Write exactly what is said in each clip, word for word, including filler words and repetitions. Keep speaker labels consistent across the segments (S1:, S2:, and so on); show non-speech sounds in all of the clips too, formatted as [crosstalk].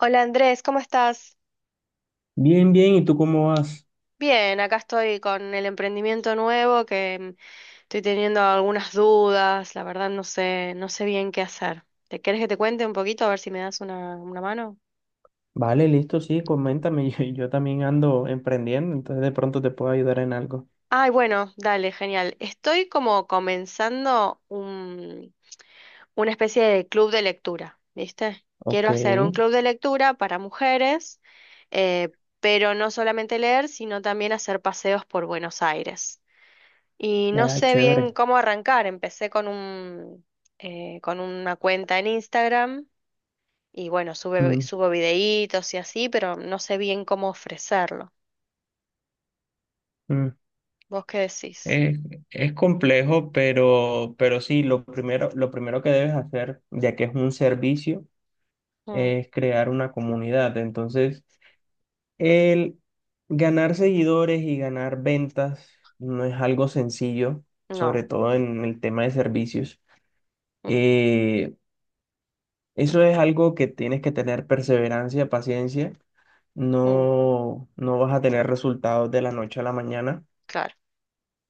S1: Hola Andrés, ¿cómo estás?
S2: Bien, bien, ¿y tú cómo vas?
S1: Bien, acá estoy con el emprendimiento nuevo que mm, estoy teniendo algunas dudas, la verdad no sé, no sé bien qué hacer. ¿Te querés que te cuente un poquito a ver si me das una, una mano?
S2: Vale, listo, sí, coméntame, [laughs] yo, yo también ando emprendiendo, entonces de pronto te puedo ayudar en algo.
S1: Ay, bueno, dale, genial. Estoy como comenzando un, una especie de club de lectura, ¿viste? Quiero
S2: Ok,
S1: hacer un club de lectura para mujeres, eh, pero no solamente leer, sino también hacer paseos por Buenos Aires. Y no
S2: vaya,
S1: sé bien
S2: chévere.
S1: cómo arrancar. Empecé con un, eh, con una cuenta en Instagram y bueno, sube,
S2: Mm,
S1: subo videitos y así, pero no sé bien cómo ofrecerlo.
S2: mm.
S1: ¿Vos qué decís?
S2: Es, es complejo, pero, pero sí, lo primero, lo primero que debes hacer, ya que es un servicio,
S1: Mm,
S2: es crear una comunidad. Entonces, el ganar seguidores y ganar ventas no es algo sencillo,
S1: no,
S2: sobre todo en el tema de servicios.
S1: mm,
S2: Eh, Eso es algo que tienes que tener perseverancia, paciencia.
S1: mm,
S2: No, no vas a tener resultados de la noche a la mañana.
S1: claro.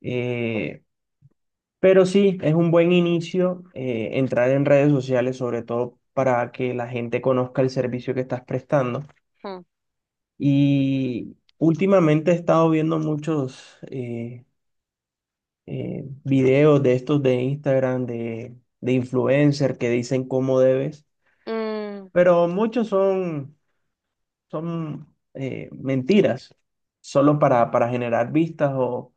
S2: eh, pero sí, es un buen inicio, eh, entrar en redes sociales, sobre todo para que la gente conozca el servicio que estás prestando.
S1: Mm,
S2: Y últimamente he estado viendo muchos eh, eh, videos de estos de Instagram, de, de influencer que dicen cómo debes,
S1: mm,
S2: pero muchos son son eh, mentiras, solo para, para generar vistas, o,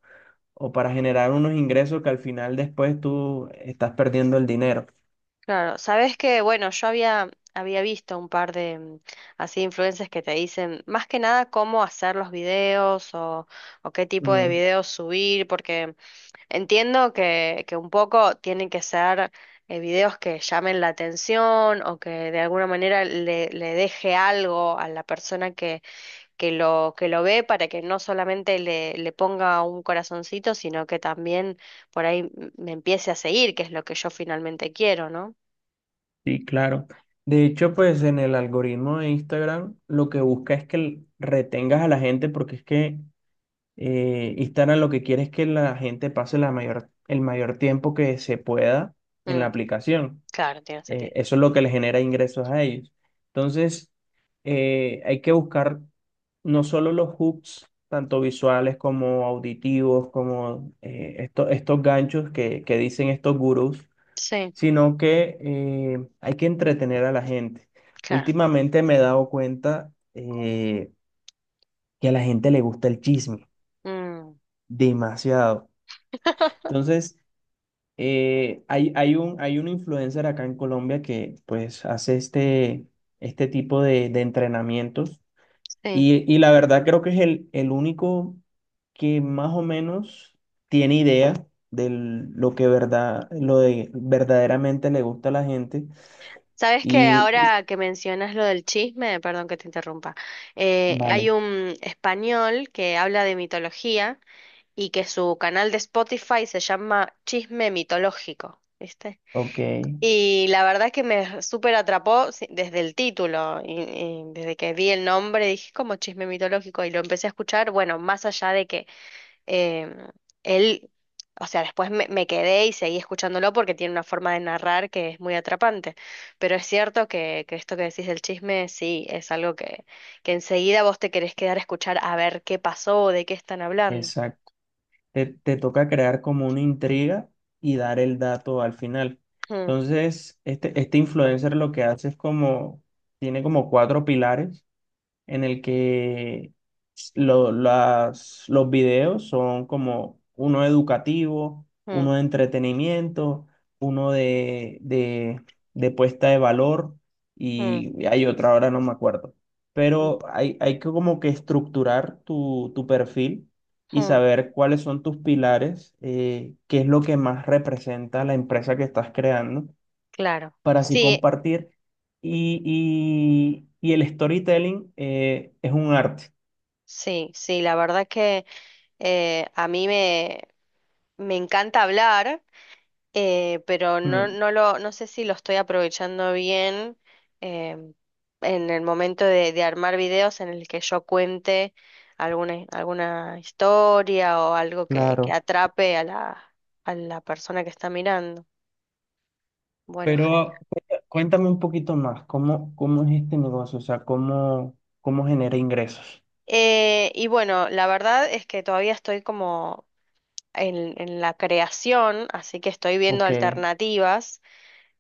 S2: o para generar unos ingresos que al final después tú estás perdiendo el dinero.
S1: claro, sabes que bueno, yo había, había visto un par de mm, así influencers que te dicen más que nada cómo hacer los videos o, o qué tipo de
S2: Mm,
S1: videos subir, porque... Entiendo que, que un poco tienen que ser eh, videos que llamen la atención o que de alguna manera le, le deje algo a la persona que, que lo, que lo ve para que no solamente le, le ponga un corazoncito, sino que también por ahí m- me empiece a seguir, que es lo que yo finalmente quiero, ¿no?
S2: sí, claro. De hecho, pues en el algoritmo de Instagram lo que busca es que l- retengas a la gente, porque es que eh, Instagram lo que quiere es que la gente pase la mayor, el mayor tiempo que se pueda en la
S1: Mm,
S2: aplicación.
S1: claro, tiene
S2: Eh,
S1: sentido.
S2: eso es lo que les genera ingresos a ellos. Entonces, eh, hay que buscar no solo los hooks, tanto visuales como auditivos, como eh, esto- estos ganchos que, que dicen estos gurús,
S1: Sí,
S2: sino que eh, hay que entretener a la gente.
S1: claro.
S2: Últimamente me he dado cuenta eh, que a la gente le gusta el chisme
S1: Mm,
S2: demasiado. Entonces, Eh, hay, hay un, hay un influencer acá en Colombia que pues hace este, este tipo de, de entrenamientos,
S1: sí.
S2: y, y la verdad creo que es el, el único que más o menos tiene idea de lo que verdad, lo de verdaderamente le gusta a la gente
S1: Sabes que
S2: y
S1: ahora que mencionas lo del chisme, perdón que te interrumpa, eh, hay
S2: vale,
S1: un español que habla de mitología y que su canal de Spotify se llama Chisme Mitológico, ¿viste?
S2: ok,
S1: Y la verdad es que me súper atrapó si- desde el título y, y desde que vi el nombre dije como chisme mitológico y lo empecé a escuchar, bueno, más allá de que em, él, o sea, después me, me quedé y seguí escuchándolo porque tiene una forma de narrar que es muy atrapante. Pero es cierto que, que esto que decís del chisme, sí, es algo que, que enseguida vos te querés quedar a escuchar a ver qué pasó, de qué están hablando.
S2: exacto. te, te toca crear como una intriga y dar el dato al final.
S1: Mm,
S2: Entonces, este, este influencer lo que hace es como, tiene como cuatro pilares en el que lo- las- los videos son como uno educativo,
S1: mm,
S2: uno de entretenimiento, uno de, de, de puesta de valor,
S1: mm,
S2: y hay otra, ahora no me acuerdo.
S1: mm,
S2: Pero hay, hay que como que estructurar tu, tu perfil y
S1: mm,
S2: saber cuáles son tus pilares, eh, qué es lo que más representa la empresa que estás creando,
S1: claro.
S2: para así
S1: Sí,
S2: compartir. Y, y- y el storytelling, eh, es un arte.
S1: sí, sí, la verdad que eh, a mí me, me encanta hablar. eh, pero no,
S2: Mm.
S1: no lo, no sé si lo estoy aprovechando bien em, en el momento de, de armar videos en el que yo cuente alguna, alguna historia o algo que, que
S2: Claro.
S1: atrape a la, a la persona que está mirando. Bueno, genial.
S2: Pero cuenta- cuéntame un poquito más, ¿cómo, cómo es este negocio? O sea, ¿cómo, cómo genera ingresos?
S1: Eh, y bueno, la verdad es que todavía estoy como en, en la creación, así que estoy viendo
S2: Ok,
S1: alternativas.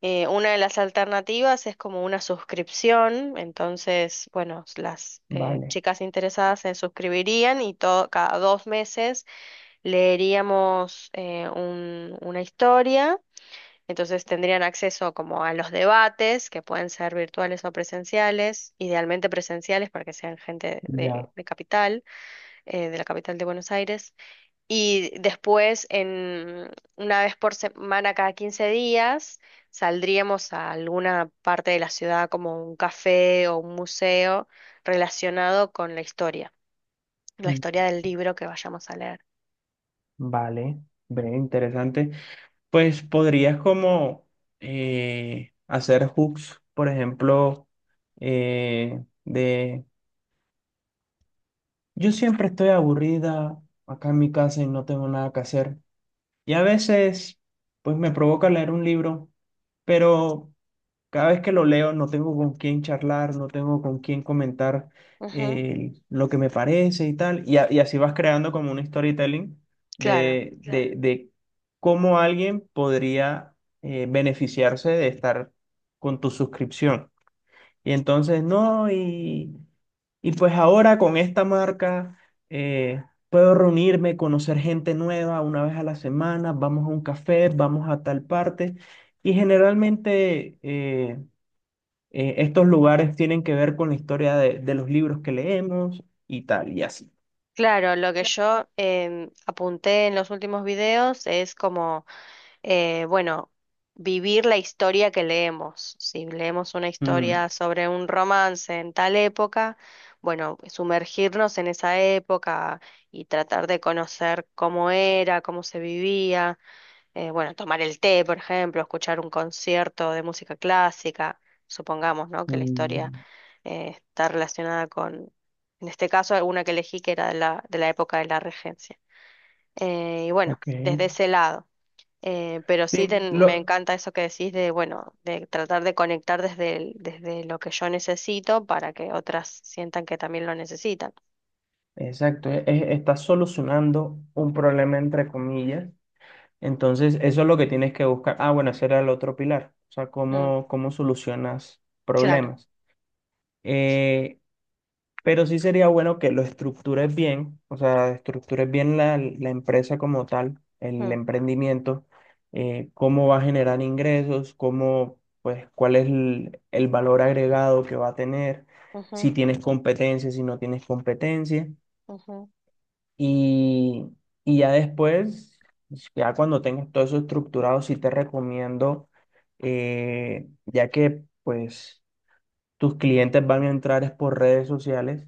S1: Eh, una de las alternativas es como una suscripción, entonces, bueno, s- las eh,
S2: vale,
S1: chicas interesadas se suscribirían y todo, cada dos meses leeríamos eh, un- una historia, entonces tendrían acceso como a los debates, que pueden ser virtuales o presenciales, idealmente presenciales para que sean gente de,
S2: ya,
S1: de capital, eh, de la capital de Buenos Aires. Y después, en, una vez por semana, cada quince días, saldríamos a alguna parte de la ciudad, como un café o un museo relacionado con la historia, la
S2: mm,
S1: historia del libro que vayamos a leer.
S2: vale, ve, interesante. Pues podrías como eh, hacer hooks, por ejemplo, eh, de: «Yo siempre estoy aburrida acá en mi casa y no tengo nada que hacer. Y a veces, pues me provoca leer un libro, pero cada vez que lo leo no tengo con quién charlar, no tengo con quién comentar
S1: Ujú,
S2: eh, lo que me parece y tal». Y, a- y así vas creando como un storytelling
S1: claro,
S2: de, de, Claro. de cómo alguien podría eh, beneficiarse de estar con tu suscripción. Y entonces, no, y y pues ahora con esta marca eh, puedo reunirme, conocer gente nueva una vez a la semana, vamos a un café, vamos a tal parte. Y generalmente eh, eh, estos lugares tienen que ver con la historia de, de los libros que leemos y tal, y así.
S1: claro, lo que
S2: Cla-
S1: yo em, apunté en los últimos videos es como eh, bueno, vivir la historia que leemos. Si leemos una
S2: Mm,
S1: historia sobre un romance en tal época, bueno, sumergirnos en esa época y tratar de conocer cómo era, cómo se vivía, eh, bueno, tomar el té, por ejemplo, escuchar un concierto de música clásica, supongamos, ¿no? Que la historia
S2: mm,
S1: eh, está relacionada con, en este caso, una que elegí que era de la, de la época de la regencia. Eh, y bueno,
S2: ok.
S1: desde ese lado. Eh, pero sí
S2: Sí,
S1: ten- me
S2: lo,
S1: encanta eso que decís de, bueno, de tratar de conectar desde, el- desde lo que yo necesito para que otras sientan que también lo necesitan.
S2: exacto, e- e- está solucionando un problema entre comillas. Entonces, eso es lo que tienes que buscar. Ah, bueno, ese era el otro pilar. O sea,
S1: Mm,
S2: cómo, cómo solucionas
S1: claro.
S2: problemas. Eh, pero sí sería bueno que lo estructures bien, o sea, estructures bien la, la empresa como tal, el
S1: Mm,
S2: emprendimiento, eh, cómo va a generar ingresos, cómo, pues, cuál es el, el valor agregado que va a tener, si
S1: ujú,
S2: tienes competencia, si no tienes competencia.
S1: ujú,
S2: Y, y ya después, ya cuando tengas todo eso estructurado, sí te recomiendo, eh, ya que pues tus clientes van a entrar es por redes sociales,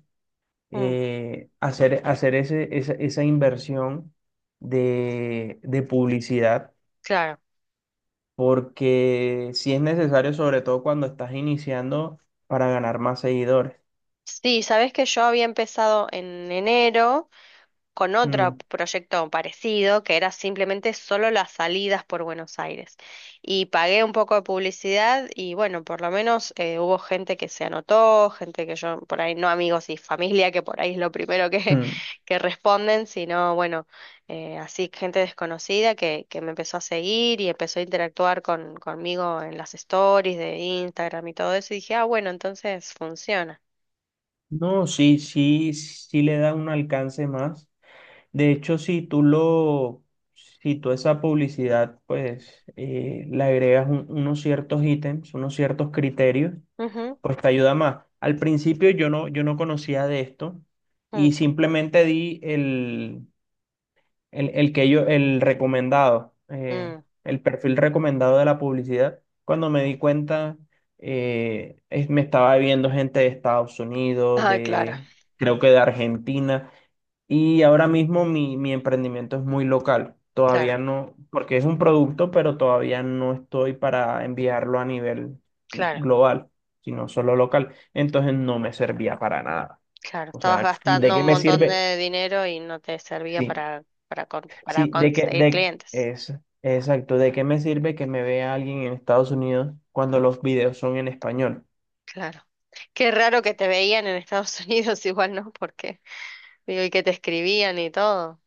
S1: mm,
S2: eh, hacer, hacer ese, esa, esa inversión de, de publicidad,
S1: claro.
S2: porque sí es necesario, sobre todo cuando estás iniciando, para ganar más seguidores.
S1: Sí, sabés que yo había empezado en enero con otro
S2: Mm,
S1: proyecto parecido que era simplemente solo las salidas por Buenos Aires. Y pagué un poco de publicidad y bueno, por lo menos eh, hubo gente que se anotó, gente que yo por ahí, no amigos y familia, que por ahí es lo primero que,
S2: mm.
S1: [laughs] que responden, sino bueno, eh, así gente desconocida que, que me empezó a seguir y empezó a interactuar con, conmigo en las stories de Instagram y todo eso. Y dije, ah, bueno, entonces funciona.
S2: No, sí, sí, sí le da un alcance más. De hecho, si tú lo, si tú esa publicidad, pues eh, le agregas un- unos ciertos ítems, unos ciertos criterios,
S1: Ujú,
S2: pues te ayuda más. Al principio yo no, yo no conocía de esto, y simplemente di el, el, el que yo, el recomendado,
S1: mm,
S2: eh,
S1: mm.
S2: el perfil recomendado de la publicidad. Cuando me di cuenta, eh, es- me estaba viendo gente de Estados Unidos,
S1: Ah, claro,
S2: de, creo que de Argentina. Y ahora mismo mi, mi emprendimiento es muy local.
S1: claro,
S2: Todavía no, porque es un producto, pero todavía no estoy para enviarlo a nivel
S1: claro.
S2: global, sino solo local. Entonces no me servía para nada.
S1: Claro,
S2: O
S1: estabas
S2: sea, ¿de
S1: gastando
S2: qué
S1: un
S2: me
S1: montón
S2: sirve?
S1: de dinero y no te servía
S2: Sí,
S1: para, para, con- para
S2: sí, de qué,
S1: conseguir
S2: de,
S1: clientes.
S2: es, exacto, ¿de qué me sirve que me vea alguien en Estados Unidos cuando los videos son en español?
S1: Claro. Qué raro que te veían en Estados Unidos, [laughs] igual, ¿no? Porque, digo, y que te escribían y todo.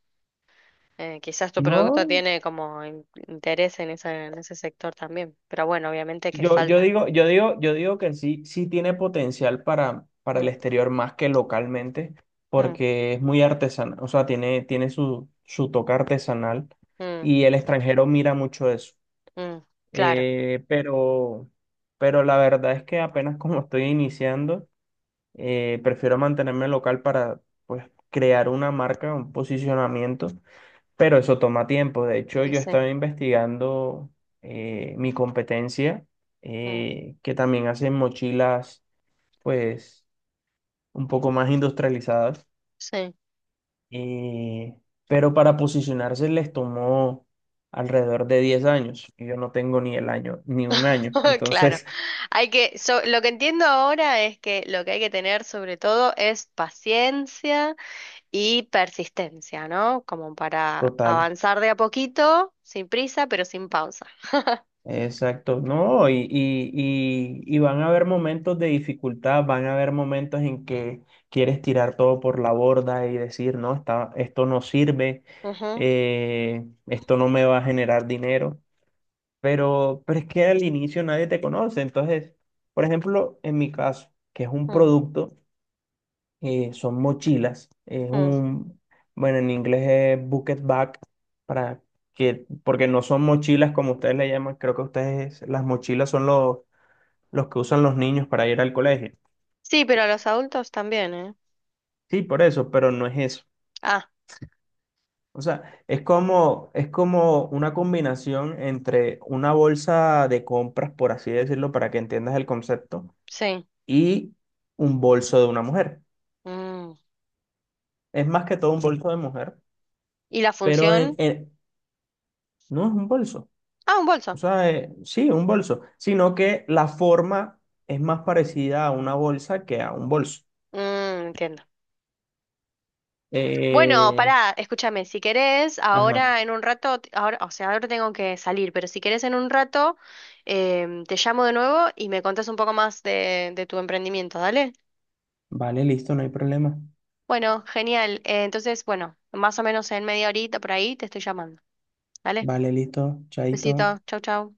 S1: Eh, quizás tu producto
S2: No,
S1: tiene como in- interés en esa, en ese sector también. Pero bueno, obviamente que
S2: Yo, yo
S1: falta.
S2: digo, yo digo, yo digo que sí, sí tiene potencial para, para el
S1: Mm,
S2: exterior más que localmente,
S1: mm,
S2: porque es muy artesanal, o sea, tiene, tiene su, su toque artesanal,
S1: mm,
S2: y el extranjero mira mucho eso.
S1: mm. Claro.
S2: Eh, pero, pero la verdad es que apenas, [laughs] como estoy iniciando, eh, prefiero mantenerme local para, pues, crear una marca, un posicionamiento, pero eso toma tiempo. De hecho,
S1: Y
S2: yo
S1: sí.
S2: estaba investigando eh, mi competencia,
S1: Mm,
S2: eh, que también hacen mochilas, pues, un poco más industrializadas.
S1: sí.
S2: eh, pero para posicionarse les tomó alrededor de diez años. Y yo no tengo ni el año, ni un año.
S1: [laughs] Claro,
S2: Entonces,
S1: hay que, so- lo que entiendo ahora es que lo que hay que tener sobre todo es paciencia y persistencia, ¿no? Como para
S2: total.
S1: avanzar de a poquito, sin prisa, pero sin pausa.
S2: Exacto, no, y, y, y, y van a haber momentos de dificultad, van a haber momentos en que quieres tirar todo por la borda y decir: no, está, esto no sirve,
S1: Ujú,
S2: eh, esto no me va a generar dinero. pero, pero es que al inicio nadie te conoce. Entonces, por ejemplo, en mi caso, que es un
S1: mm,
S2: producto, eh, son mochilas. Es
S1: mm.
S2: un, bueno, en inglés es bucket bag, para que, porque no son mochilas como ustedes le llaman; creo que ustedes, las mochilas son los, los que usan los niños para ir al colegio.
S1: Sí, pero a los adultos también, ¿eh?
S2: Sí, por eso, pero no es eso.
S1: Ah,
S2: O sea, es como, es como una combinación entre una bolsa de compras, por así decirlo, para que entiendas el concepto,
S1: sí.
S2: y un bolso de una mujer.
S1: Mm.
S2: Es más que todo un bolso de mujer,
S1: ¿Y la
S2: pero en,
S1: función?
S2: en- no es un bolso.
S1: Ah, un
S2: O
S1: bolso.
S2: sea, eh, sí, un bolso, sino que la forma es más parecida a una bolsa que a un bolso.
S1: Mm, entiendo. Bueno,
S2: Eh,
S1: pará, escúchame, si querés,
S2: ajá,
S1: ahora en un rato, t- ahora, o sea, ahora tengo que salir, pero si querés en un rato, em, te llamo de nuevo y me contás un poco más de, de tu emprendimiento, ¿dale?
S2: vale, listo, no hay problema.
S1: Bueno, genial. eh, entonces, bueno, más o menos en media horita por ahí te estoy llamando, ¿dale?
S2: Vale, listo, chaito.
S1: Besito, chau, chau.